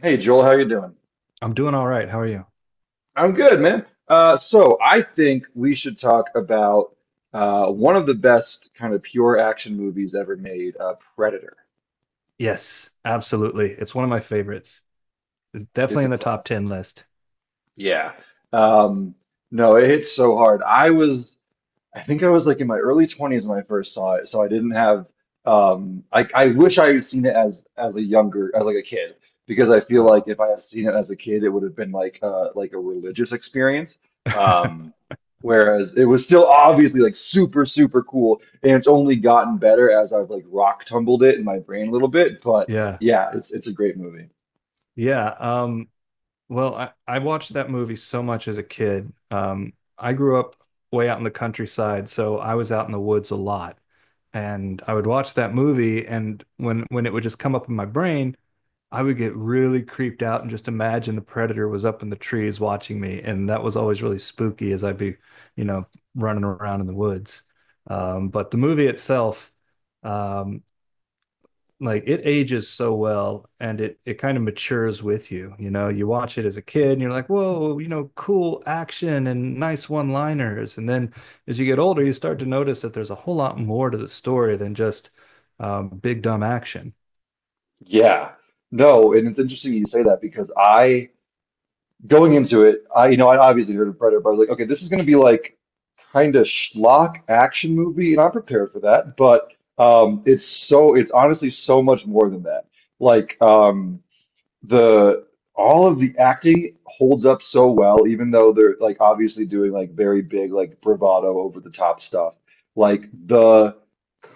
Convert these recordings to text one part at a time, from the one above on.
Hey Joel, how you doing? I'm doing all right. How are you? I'm good, man. So I think we should talk about one of the best kind of pure action movies ever made, Predator. Yes, absolutely. It's one of my favorites. It's It's definitely a in the top classic. 10 list. Yeah. Um, no, it hits so hard. I think I was like in my early 20s when I first saw it, so I didn't have I wish I had seen it as a younger as like a kid because I feel like Oh. if I had seen it as a kid it would have been like a religious experience. Um Whereas it was still obviously like super cool, and it's only gotten better as I've like rock tumbled it in my brain a little bit. But Yeah. yeah, it's a great movie. Yeah. Um, well, I watched that movie so much as a kid. I grew up way out in the countryside, so I was out in the woods a lot. And I would watch that movie, and when it would just come up in my brain, I would get really creeped out and just imagine the predator was up in the trees watching me. And that was always really spooky as I'd be, you know, running around in the woods. But the movie itself, um, like it ages so well and it kind of matures with you. You know, you watch it as a kid and you're like, whoa, you know, cool action and nice one-liners. And then as you get older, you start to notice that there's a whole lot more to the story than just big dumb action. Yeah. No, and it's interesting you say that because I going into it, I you know, I obviously heard of Predator, but I was like, okay, this is going to be like kind of schlock action movie, and I'm prepared for that. But it's so it's honestly so much more than that. Like the all of the acting holds up so well, even though they're like obviously doing like very big, like bravado over the top stuff. Like the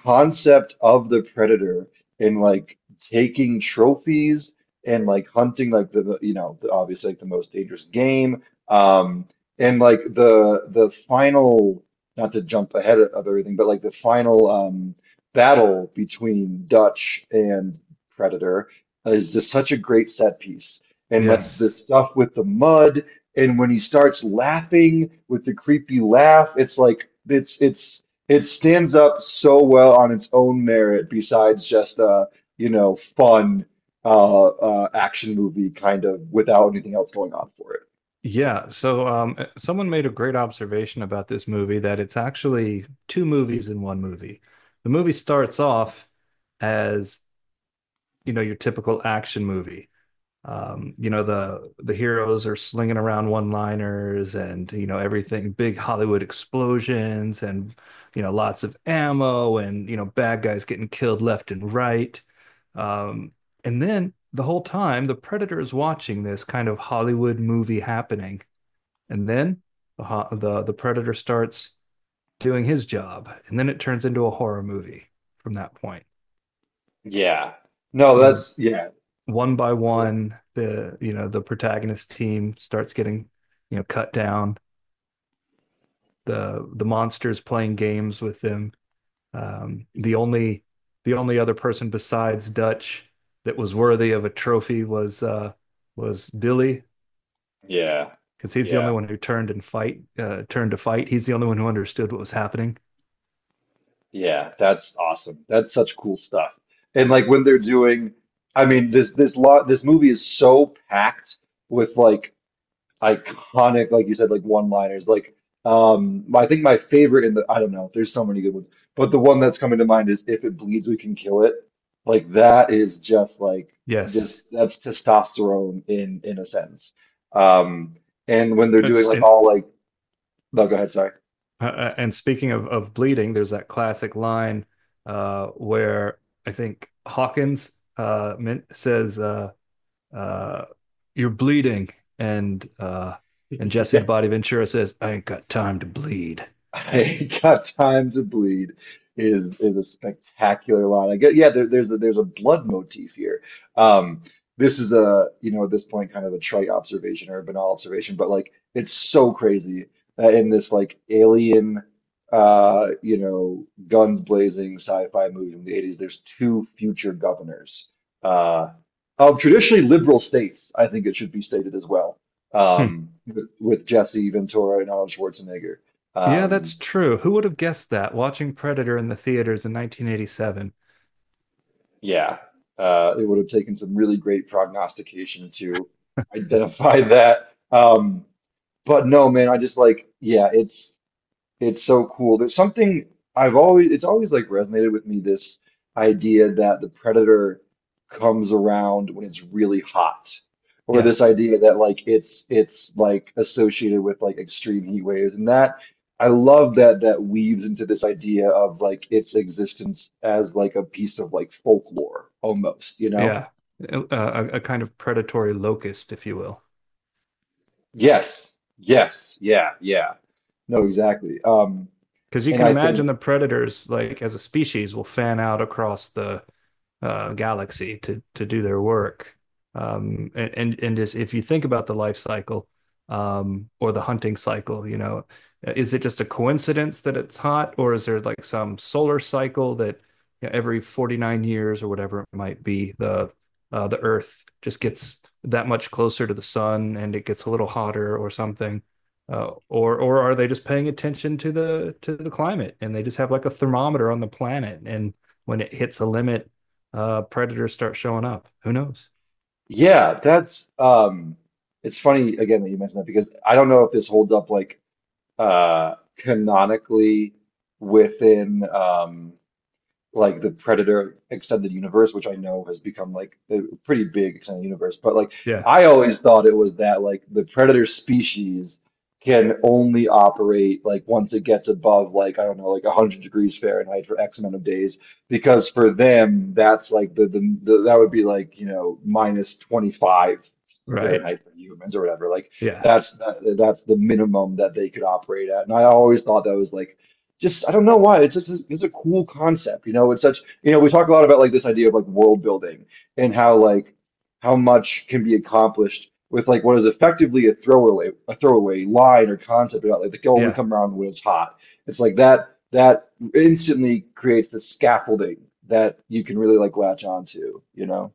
concept of the predator and like taking trophies and like hunting like you know, obviously like the most dangerous game, um and like the final, not to jump ahead of everything, but like the final battle between Dutch and Predator is just such a great set piece. And like the Yes. stuff with the mud, and when he starts laughing with the creepy laugh, it's like it stands up so well on its own merit, besides just a, you know, fun action movie kind of without anything else going on for it. Yeah, so someone made a great observation about this movie that it's actually two movies in one movie. The movie starts off as, you know, your typical action movie. You know, the heroes are slinging around one-liners and, you know, everything, big Hollywood explosions and, you know, lots of ammo and, you know, bad guys getting killed left and right. Um, and then the whole time, the Predator is watching this kind of Hollywood movie happening, and then the the predator starts doing his job, and then it turns into a horror movie from that point. Yeah. No, You know, that's yeah. one by So. one, the you know the protagonist team starts getting, you know, cut down. The monster's playing games with them. The only the only other person besides Dutch that was worthy of a trophy was Billy, Yeah. because he's the only Yeah. one who turned and fight turned to fight. He's the only one who understood what was happening. Yeah, that's awesome. That's such cool stuff. And like when they're doing, I mean, this movie is so packed with like iconic, like you said, like one-liners. Like, I think my favorite in the, I don't know, there's so many good ones, but the one that's coming to mind is "If it bleeds, we can kill it." Like that is just like just Yes, that's testosterone in a sentence. Um, and when they're doing That's like and all like, no, go ahead, sorry. And speaking of bleeding, there's that classic line where I think Hawkins uh, says, uh, "You're bleeding," and uh, and Jesse the Body Ventura says, "I ain't got time to bleed." I got time to bleed is a spectacular line. I get, yeah, there's a blood motif here. Um, this is a, you know, at this point kind of a trite observation or a banal observation, but like it's so crazy that in this like alien you know guns blazing sci-fi movie from the 80s, there's two future governors uh of traditionally liberal states, I think it should be stated as well. Hmm. With Jesse Ventura and Arnold Schwarzenegger. Yeah, Um, that's true. Who would have guessed that? Watching Predator in the theaters in 1987. yeah, it would have taken some really great prognostication to identify that. But no, man, I just like, yeah, it's. It's so cool. There's something I've always, it's always like resonated with me, this idea that the predator comes around when it's really hot, or Yeah, this idea that like it's like associated with like extreme heat waves, and that I love that that weaves into this idea of like its existence as like a piece of like folklore almost, you know? yeah, a kind of predatory locust, if you will, Yes, yes, yeah, yeah. No, exactly. Because you And can I think. imagine the predators, like as a species, will fan out across the galaxy to do their work. And just if you think about the life cycle, or the hunting cycle, you know, is it just a coincidence that it's hot, or is there like some solar cycle that, you know, every 49 years or whatever it might be, the Earth just gets that much closer to the sun and it gets a little hotter or something? Or are they just paying attention to the climate and they just have like a thermometer on the planet and when it hits a limit, predators start showing up. Who knows? Yeah, that's it's funny again that you mentioned that, because I don't know if this holds up like canonically within like the Predator extended universe, which I know has become like a pretty big extended universe. But like Yeah, I always thought it was that like the Predator species can only operate like once it gets above like, I don't know, like 100 degrees Fahrenheit for X amount of days, because for them that's like the that would be like, you know, minus 25 right. Fahrenheit for humans or whatever. Like Yeah, that's that's the minimum that they could operate at. And I always thought that was like just, I don't know why. It's just this a cool concept, you know. It's such, you know, we talk a lot about like this idea of like world building and how like how much can be accomplished with like what is effectively a throwaway line or concept about like they can only yeah, come around when it's hot. It's like that instantly creates the scaffolding that you can really like latch onto, you know.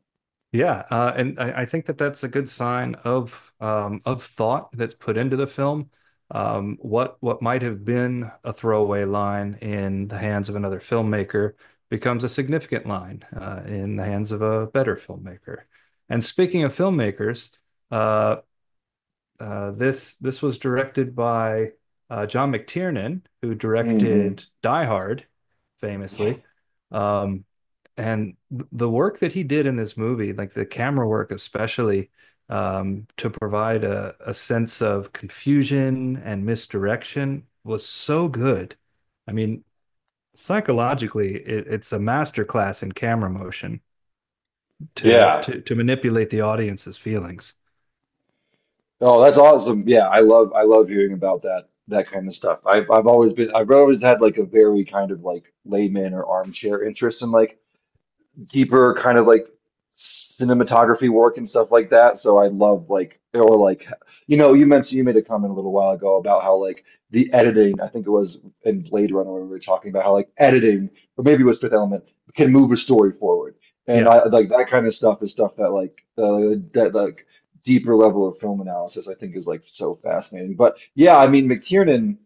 yeah. And I think that that's a good sign of thought that's put into the film. What might have been a throwaway line in the hands of another filmmaker becomes a significant line in the hands of a better filmmaker. And speaking of filmmakers, uh, this was directed by John McTiernan, who Hmm. directed Die Hard, Yeah. famously. Um, and the work that he did in this movie, like the camera work especially, to provide a sense of confusion and misdirection was so good. I mean, psychologically, it's a masterclass in camera motion to Yeah. to manipulate the audience's feelings. Oh, that's awesome. Yeah, I love hearing about that kind of stuff. I've always been, I've always had like a very kind of like layman or armchair interest in like deeper kind of like cinematography work and stuff like that. So I love like, or like, you know, you mentioned you made a comment a little while ago about how like the editing, I think it was, in Blade Runner when we were talking about how like editing, or maybe it was Fifth Element, can move a story forward. And Yeah, I like that kind of stuff is stuff that like the that like deeper level of film analysis I think is like so fascinating. But yeah, I mean, McTiernan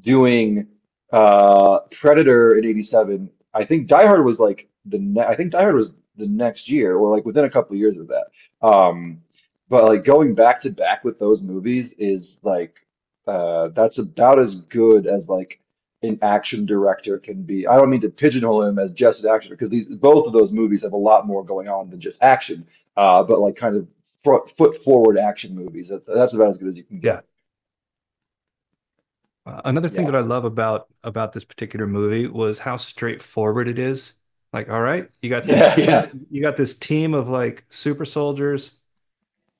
doing Predator in 87. I think Die Hard was like the ne I think Die Hard was the next year or like within a couple of years of that. Um, but like going back to back with those movies is like that's about as good as like an action director can be. I don't mean to pigeonhole him as just an action, because these both of those movies have a lot more going on than just action. But like kind of foot forward action movies. That's about as good as you can yeah. get. Another thing Yeah. that I love about this particular movie was how straightforward it is. Like, all right, you got this Yeah, yeah, team, you got this team of like super soldiers.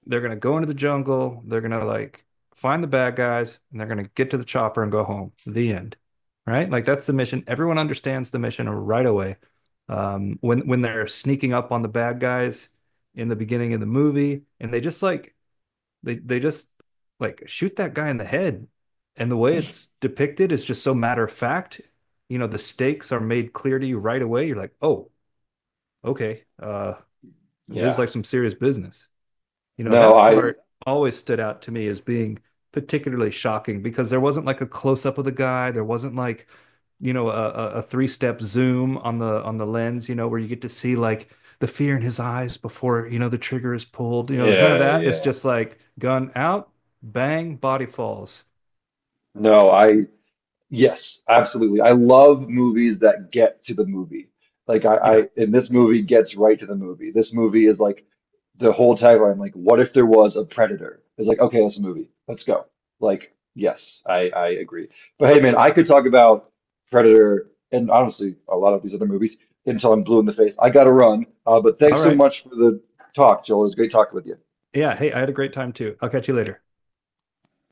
They're gonna go into the jungle. They're gonna like find the bad guys, and they're gonna get to the chopper and go home. The end. Right? Like that's the mission. Everyone understands the mission right away. When they're sneaking up on the bad guys in the beginning of the movie, and they just like they just like shoot that guy in the head. And the way it's depicted is just so matter of fact. You know, the stakes are made clear to you right away. You're like, oh, okay, this is yeah. like some serious business. You know, No, that I part always stood out to me as being particularly shocking because there wasn't like a close up of the guy. There wasn't like, you know, a three step zoom on the lens, you know, where you get to see like the fear in his eyes before, you know, the trigger is pulled. You know, there's none of Yeah, that. It's yeah. just like gun out, bang, body falls. No, I, yes, absolutely. I love movies that get to the movie. Like Yeah. and this movie gets right to the movie. This movie is like the whole tagline, like, what if there was a predator? It's like, okay, that's a movie. Let's go. Like, yes, I agree. But hey, man, I could talk about Predator and honestly a lot of these other movies until I'm blue in the face. I gotta run. But thanks All so right. much for the talk, Joel. It was great talking with you. Yeah. Hey, I had a great time too. I'll catch you later.